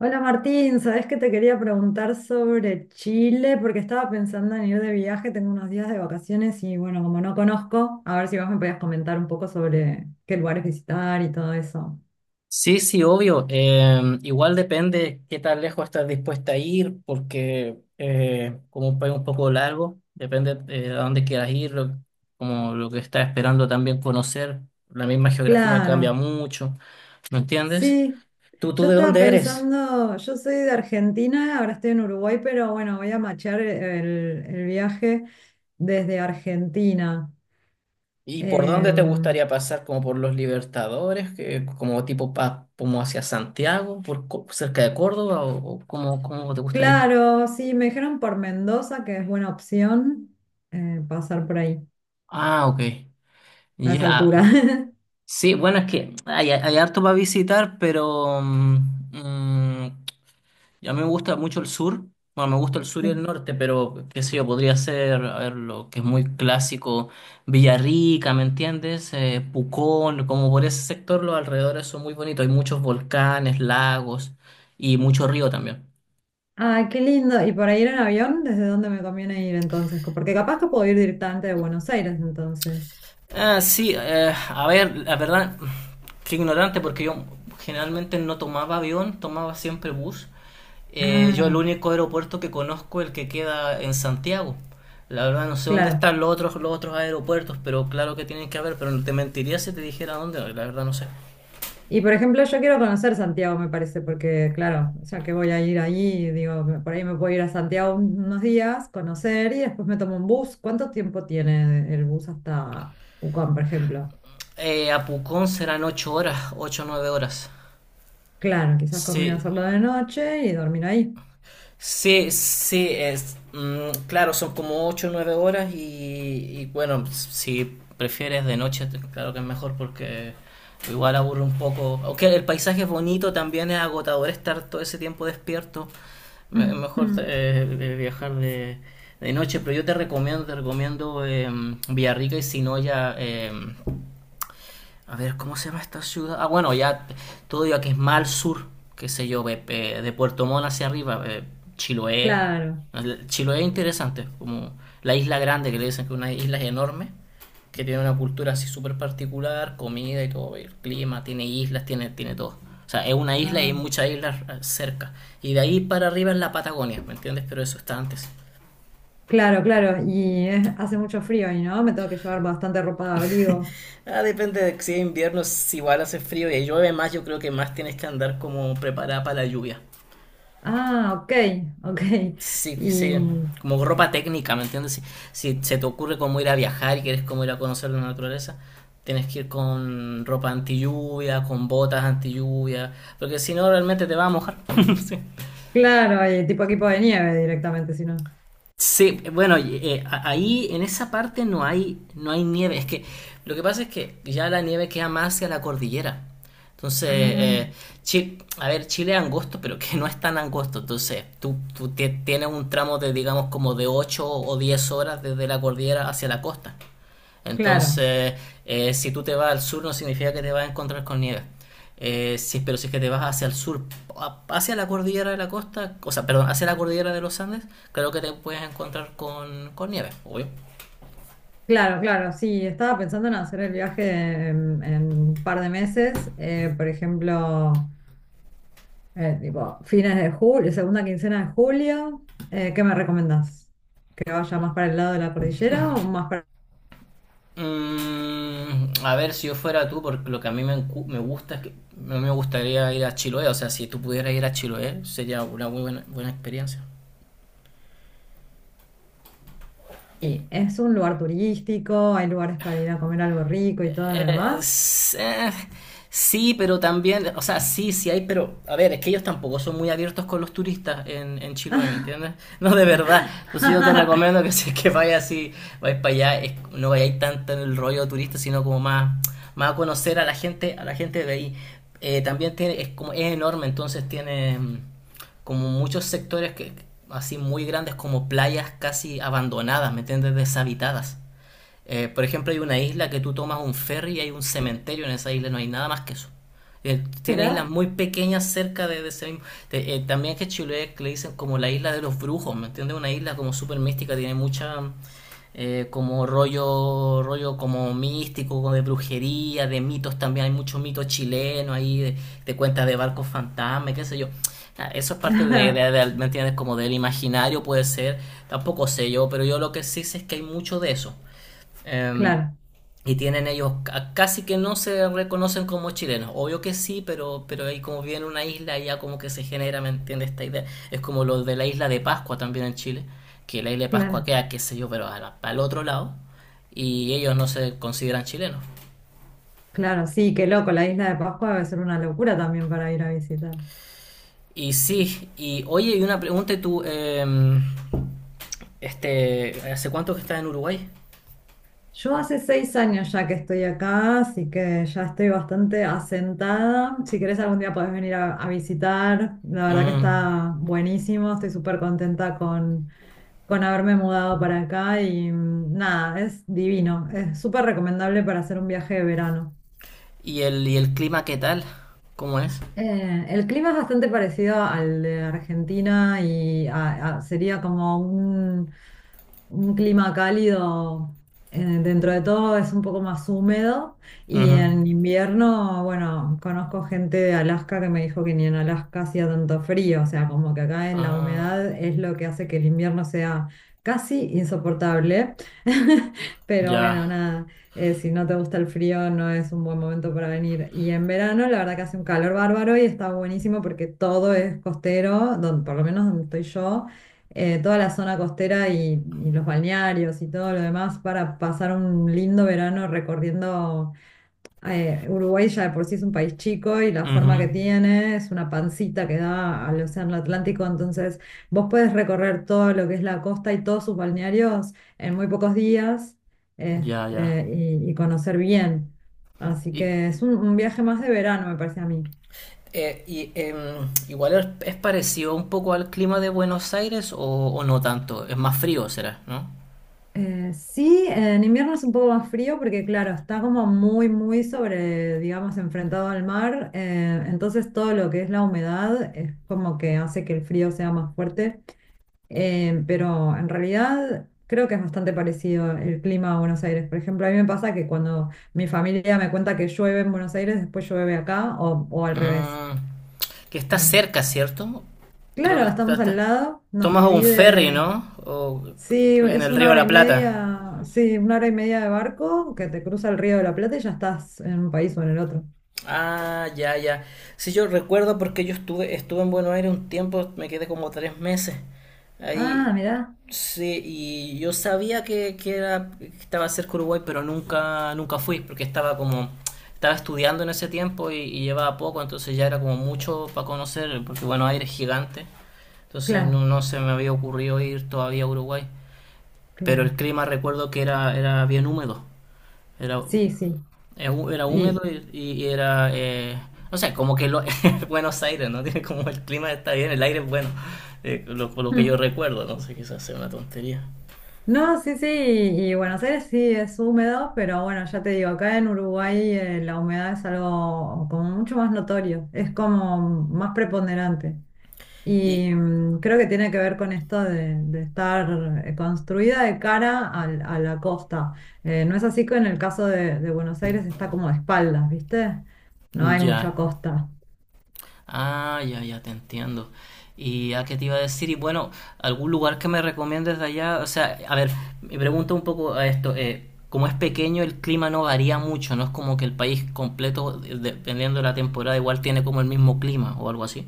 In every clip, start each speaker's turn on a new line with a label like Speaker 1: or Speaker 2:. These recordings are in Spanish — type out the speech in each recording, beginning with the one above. Speaker 1: Hola Martín, ¿sabes que te quería preguntar sobre Chile? Porque estaba pensando en ir de viaje, tengo unos días de vacaciones y bueno, como no conozco, a ver si vos me podías comentar un poco sobre qué lugares visitar y todo eso.
Speaker 2: Sí, sí, obvio. Igual depende qué tan lejos estás dispuesta a ir, porque como un país un poco largo, depende de a dónde quieras ir, como lo que estás esperando también conocer. La misma geografía cambia
Speaker 1: Claro,
Speaker 2: mucho, ¿me entiendes?
Speaker 1: sí.
Speaker 2: ¿Tú
Speaker 1: Yo
Speaker 2: de
Speaker 1: estaba
Speaker 2: dónde eres?
Speaker 1: pensando, yo soy de Argentina, ahora estoy en Uruguay, pero bueno, voy a machear el viaje desde Argentina.
Speaker 2: ¿Y por dónde te
Speaker 1: Em,
Speaker 2: gustaría pasar? ¿Como por los Libertadores? ¿Como tipo como hacia Santiago, por, cerca de Córdoba? ¿O cómo, cómo te gustaría?
Speaker 1: claro, sí, me dijeron por Mendoza que es buena opción pasar por ahí.
Speaker 2: Ah, ok.
Speaker 1: A esa altura.
Speaker 2: Ya. Sí, bueno, es que hay harto para visitar, pero mm, a mí me gusta mucho el sur. Bueno, me gusta el sur y el
Speaker 1: Sí.
Speaker 2: norte, pero qué sé yo, podría ser, a ver, lo que es muy clásico, Villarrica, ¿me entiendes? Pucón, como por ese sector, los alrededores son muy bonitos. Hay muchos volcanes, lagos y mucho río también.
Speaker 1: Ay, qué lindo. ¿Y para ir en avión, desde dónde me conviene ir entonces? Porque capaz que puedo ir directamente de Buenos Aires entonces.
Speaker 2: Ah, sí, a ver, la verdad, qué ignorante porque yo generalmente no tomaba avión, tomaba siempre bus. Yo el
Speaker 1: Ah,
Speaker 2: único aeropuerto que conozco es el que queda en Santiago. La verdad no sé dónde
Speaker 1: claro.
Speaker 2: están los otros aeropuertos, pero claro que tienen que haber, pero te mentiría si te dijera dónde, la verdad no sé.
Speaker 1: Y por ejemplo, yo quiero conocer Santiago, me parece, porque claro, o sea que voy a ir allí, digo, por ahí me puedo ir a Santiago unos días, conocer y después me tomo un bus. ¿Cuánto tiempo tiene el bus hasta Pucón, por ejemplo?
Speaker 2: A Pucón serán ocho horas, ocho o 9 horas.
Speaker 1: Claro, quizás conviene
Speaker 2: Sí,
Speaker 1: hacerlo de noche y dormir ahí.
Speaker 2: sí, sí, es, claro, son como ocho o 9 horas y bueno, si prefieres de noche, claro que es mejor porque igual aburre un poco. Aunque el paisaje es bonito, también es agotador estar todo ese tiempo despierto. Es mejor viajar de noche, pero yo te recomiendo Villarrica y Sinoya. A ver, ¿cómo se llama esta ciudad? Ah, bueno, ya todo ya que es más al sur, qué sé yo, de Puerto Montt hacia arriba, Chiloé.
Speaker 1: Claro.
Speaker 2: Chiloé es interesante, como la isla grande que le dicen que es una isla enorme, que tiene una cultura así súper particular, comida y todo, el clima, tiene islas, tiene, tiene todo. O sea, es una isla y hay
Speaker 1: Ah,
Speaker 2: muchas islas cerca. Y de ahí para arriba es la Patagonia, ¿me entiendes? Pero eso está antes.
Speaker 1: claro, claro, y hace mucho frío ahí, ¿no? Me tengo que llevar bastante ropa de abrigo.
Speaker 2: Ah, depende de si es invierno, si igual hace frío y llueve más, yo creo que más tienes que andar como preparada para la lluvia.
Speaker 1: Ah, ok, ok.
Speaker 2: Sí, sí,
Speaker 1: Y
Speaker 2: como ropa técnica, ¿me entiendes? Si, si se te ocurre cómo ir a viajar y quieres cómo ir a conocer la naturaleza, tienes que ir con ropa anti lluvia, con botas anti lluvia, porque si no realmente te va a mojar. Sí.
Speaker 1: claro, y tipo equipo de nieve directamente, si no.
Speaker 2: Sí, bueno, ahí en esa parte no hay, no hay nieve. Es que lo que pasa es que ya la nieve queda más hacia la cordillera. Entonces,
Speaker 1: Ah,
Speaker 2: a ver, Chile es angosto, pero que no es tan angosto. Entonces, tú, tú tienes un tramo de, digamos, como de 8 o 10 horas desde la cordillera hacia la costa.
Speaker 1: claro,
Speaker 2: Entonces, si tú te vas al sur no significa que te vas a encontrar con nieve. Pero si es que te vas hacia el sur, hacia la cordillera de la costa, o sea, perdón, hacia la cordillera de los Andes, creo que te puedes encontrar con nieve, obvio.
Speaker 1: claro, claro. Sí, estaba pensando en hacer el viaje en un par de meses, por ejemplo, tipo fines de julio, segunda quincena de julio. ¿Qué me recomendás? ¿Que vaya más para el lado de la cordillera o más para…
Speaker 2: Mm, a ver, si yo fuera tú, porque lo que a me gusta es que a mí me gustaría ir a Chiloé, o sea, si tú pudieras ir a Chiloé, sería una muy buena, buena experiencia.
Speaker 1: Sí, es un lugar turístico, hay lugares para ir a comer algo rico y todo lo
Speaker 2: Eh,
Speaker 1: demás.
Speaker 2: s- eh, sí, pero también, o sea, sí, sí hay, pero a ver, es que ellos tampoco son muy abiertos con los turistas en Chiloé, ¿me entiendes? No, de verdad. Entonces yo te recomiendo que si es que vayas así, vais para allá, no vayáis tanto en el rollo turista, sino como más, más a conocer a la gente de ahí. También tiene, es como, es enorme, entonces tiene como muchos sectores que así muy grandes como playas casi abandonadas, ¿me entiendes? Deshabitadas. Por ejemplo, hay una isla que tú tomas un ferry y hay un cementerio en esa isla, no hay nada más que eso. Tiene islas
Speaker 1: Mirá.
Speaker 2: muy pequeñas cerca de ese mismo. También que Chile le dicen como la isla de los brujos, ¿me entiendes? Una isla como súper mística, tiene mucha. Como rollo como místico, como de brujería, de mitos también. Hay muchos mitos chilenos ahí, de cuentas de barcos fantasmas, qué sé yo. Ah, eso es parte de ¿me entiendes? Como del imaginario puede ser, tampoco sé yo, pero yo lo que sí sé es que hay mucho de eso. Eh,
Speaker 1: Claro,
Speaker 2: y tienen ellos, casi que no se reconocen como chilenos. Obvio que sí, pero ahí como viene una isla, ya como que se genera, ¿me entiendes? Esta idea. Es como lo de la isla de Pascua también en Chile, que la isla de Pascua
Speaker 1: claro,
Speaker 2: queda, qué sé yo, pero a al otro lado, y ellos no se consideran chilenos.
Speaker 1: claro, sí, qué loco, la isla de Pascua debe ser una locura también para ir a visitar.
Speaker 2: Y sí, y oye, y una pregunta, y tú, este, ¿hace cuánto que estás en Uruguay?
Speaker 1: Yo hace 6 años ya que estoy acá, así que ya estoy bastante asentada. Si querés algún día podés venir a visitar. La verdad que
Speaker 2: Mm,
Speaker 1: está buenísimo. Estoy súper contenta con haberme mudado para acá y nada, es divino. Es súper recomendable para hacer un viaje de verano.
Speaker 2: ¿y el, y el clima qué tal? ¿Cómo es?
Speaker 1: El clima es bastante parecido al de Argentina y sería como un clima cálido, dentro de todo es un poco más húmedo y
Speaker 2: Ujú.
Speaker 1: en invierno, bueno, conozco gente de Alaska que me dijo que ni en Alaska hacía tanto frío, o sea, como que acá en la
Speaker 2: Ah,
Speaker 1: humedad es lo que hace que el invierno sea casi insoportable, pero bueno,
Speaker 2: ya.
Speaker 1: nada, si no te gusta el frío no es un buen momento para venir. Y en verano, la verdad que hace un calor bárbaro y está buenísimo porque todo es costero, por lo menos donde estoy yo, toda la zona costera y los balnearios y todo lo demás para pasar un lindo verano recorriendo. Uruguay ya de por sí es un país chico y la forma
Speaker 2: Ujú.
Speaker 1: que tiene es una pancita que da al Océano Atlántico, entonces vos podés recorrer todo lo que es la costa y todos sus balnearios en muy pocos días,
Speaker 2: Ya, ya.
Speaker 1: este, y conocer bien. Así
Speaker 2: Y,
Speaker 1: que es un viaje más de verano, me parece a mí.
Speaker 2: y, igual es parecido un poco al clima de Buenos Aires o no tanto. Es más frío, será, ¿no?
Speaker 1: Sí, en invierno es un poco más frío porque, claro, está como muy, muy sobre, digamos, enfrentado al mar. Entonces todo lo que es la humedad es como que hace que el frío sea más fuerte. Pero en realidad creo que es bastante parecido el clima a Buenos Aires. Por ejemplo, a mí me pasa que cuando mi familia me cuenta que llueve en Buenos Aires, después llueve acá o al revés.
Speaker 2: Mm, que está
Speaker 1: Eh,
Speaker 2: cerca, ¿cierto? Creo que
Speaker 1: claro, estamos al lado, nos
Speaker 2: tomas un ferry,
Speaker 1: divide.
Speaker 2: ¿no? O
Speaker 1: Sí,
Speaker 2: en
Speaker 1: es
Speaker 2: el
Speaker 1: una
Speaker 2: Río de
Speaker 1: hora
Speaker 2: la
Speaker 1: y
Speaker 2: Plata.
Speaker 1: media, sí, una hora y media de barco que te cruza el Río de la Plata y ya estás en un país o en el otro.
Speaker 2: Ah, ya, ya. Sí, yo recuerdo porque yo estuve en Buenos Aires un tiempo, me quedé como 3 meses
Speaker 1: Ah,
Speaker 2: ahí.
Speaker 1: mirá,
Speaker 2: Sí, y yo sabía que era, que estaba cerca de Uruguay, pero nunca, nunca fui, porque estaba como, estaba estudiando en ese tiempo y llevaba poco, entonces ya era como mucho para conocer, porque Buenos Aires es gigante, entonces no,
Speaker 1: claro,
Speaker 2: no se me había ocurrido ir todavía a Uruguay. Pero el
Speaker 1: claro.
Speaker 2: clima recuerdo que era, era bien húmedo, era
Speaker 1: Sí, sí.
Speaker 2: era húmedo
Speaker 1: Y
Speaker 2: y era, no sé, como que lo, Buenos Aires, ¿no? Tiene como el clima está bien, el aire es bueno, lo que yo
Speaker 1: mm.
Speaker 2: recuerdo, no sé, quizás sea una tontería.
Speaker 1: No, sí, sí, y Buenos Aires sí es húmedo, pero bueno, ya te digo, acá en Uruguay la humedad es algo como mucho más notorio, es como más preponderante.
Speaker 2: Y
Speaker 1: Y creo que tiene que ver con esto de estar construida de cara a la costa. No es así que en el caso de Buenos Aires está como de espaldas, ¿viste? No hay mucha
Speaker 2: ya,
Speaker 1: costa.
Speaker 2: ah, ya, ya te entiendo. ¿Y a qué te iba a decir? Y bueno, algún lugar que me recomiendes de allá, o sea, a ver, me pregunta un poco a esto, como es pequeño, el clima no varía mucho, no es como que el país completo, dependiendo de la temporada, igual tiene como el mismo clima o algo así.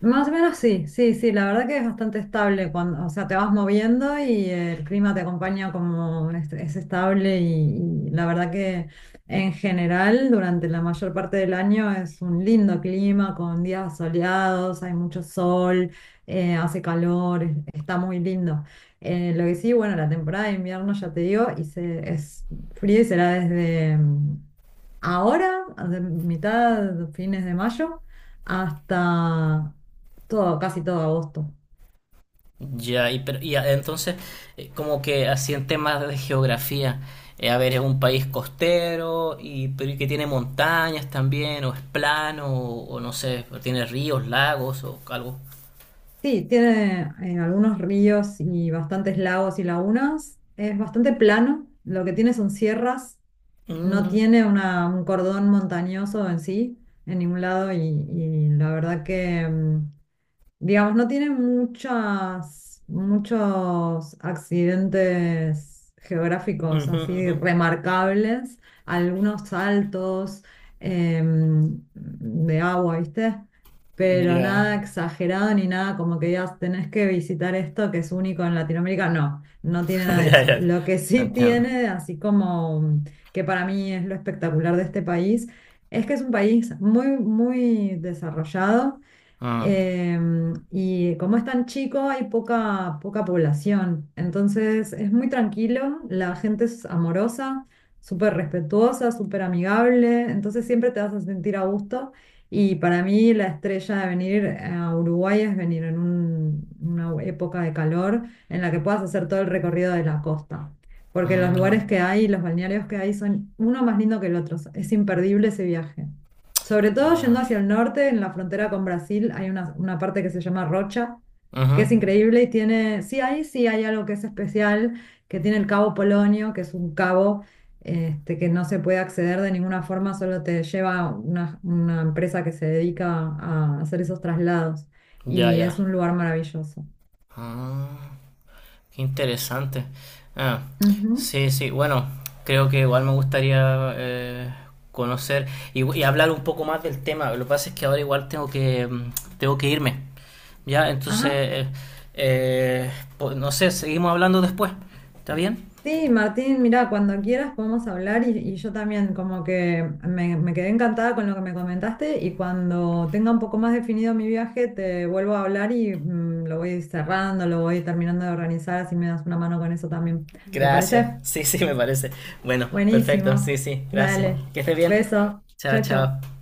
Speaker 1: Más o menos sí, sí, sí, la verdad que es bastante estable cuando, o sea, te vas moviendo y el clima te acompaña como es estable y la verdad que en general durante la mayor parte del año es un lindo clima con días soleados, hay mucho sol, hace calor, está muy lindo. Lo que sí, bueno, la temporada de invierno ya te digo, y es frío y será desde ahora, de mitad, fines de mayo hasta todo, casi todo agosto.
Speaker 2: Ya, y, entonces, como que así en temas de geografía, a ver, es un país costero y, pero y que tiene montañas también, o es plano, o no sé, o tiene ríos, lagos, o algo.
Speaker 1: Sí, tiene algunos ríos y bastantes lagos y lagunas. Es bastante plano. Lo que tiene son sierras. No
Speaker 2: Mm,
Speaker 1: tiene un cordón montañoso en sí, en ningún lado. Y la verdad que digamos, no tiene muchas, muchos accidentes geográficos
Speaker 2: ujú,
Speaker 1: así
Speaker 2: ujú.
Speaker 1: remarcables, algunos saltos de agua, ¿viste? Pero
Speaker 2: Ya.
Speaker 1: nada exagerado ni nada como que digas, tenés que visitar esto que es único en Latinoamérica. No, no tiene nada de
Speaker 2: Ya,
Speaker 1: eso.
Speaker 2: ya,
Speaker 1: Lo que
Speaker 2: te
Speaker 1: sí
Speaker 2: entiendo.
Speaker 1: tiene, así como que para mí es lo espectacular de este país, es que es un país muy, muy desarrollado.
Speaker 2: Mm,
Speaker 1: Y como es tan chico, hay poca, poca población. Entonces es muy tranquilo, la gente es amorosa, súper respetuosa, súper amigable. Entonces siempre te vas a sentir a gusto. Y para mí la estrella de venir a Uruguay es venir en una época de calor en la que puedas hacer todo el recorrido de la costa. Porque los
Speaker 2: mm,
Speaker 1: lugares que hay, los balnearios que hay son uno más lindo que el otro. Es imperdible ese viaje. Sobre todo
Speaker 2: ya.
Speaker 1: yendo hacia el norte, en la frontera con Brasil, hay una parte que se llama Rocha,
Speaker 2: Ujú,
Speaker 1: que es increíble y tiene, sí, ahí sí hay algo que es especial, que tiene el Cabo Polonio, que es un cabo, este, que no se puede acceder de ninguna forma, solo te lleva una empresa que se dedica a hacer esos traslados.
Speaker 2: ya,
Speaker 1: Y
Speaker 2: ya.
Speaker 1: es un lugar maravilloso.
Speaker 2: Ah. Qué interesante. Ah,
Speaker 1: Ujú.
Speaker 2: sí, sí, bueno, creo que igual me gustaría conocer y hablar un poco más del tema. Lo que pasa es que ahora igual tengo que, tengo que irme. Ya, entonces,
Speaker 1: Ajá.
Speaker 2: eh, pues, no sé, seguimos hablando después. ¿Está bien?
Speaker 1: Sí, Martín, mira, cuando quieras podemos hablar y yo también como que me quedé encantada con lo que me comentaste y cuando tenga un poco más definido mi viaje te vuelvo a hablar y, mm, lo voy cerrando, lo voy terminando de organizar, así me das una mano con eso también. ¿Te
Speaker 2: Gracias.
Speaker 1: parece?
Speaker 2: Sí, sí, me parece. Bueno, perfecto. Sí,
Speaker 1: Buenísimo.
Speaker 2: sí, gracias.
Speaker 1: Dale.
Speaker 2: Que estés bien.
Speaker 1: Beso.
Speaker 2: Chao,
Speaker 1: Chao, chao.
Speaker 2: chao.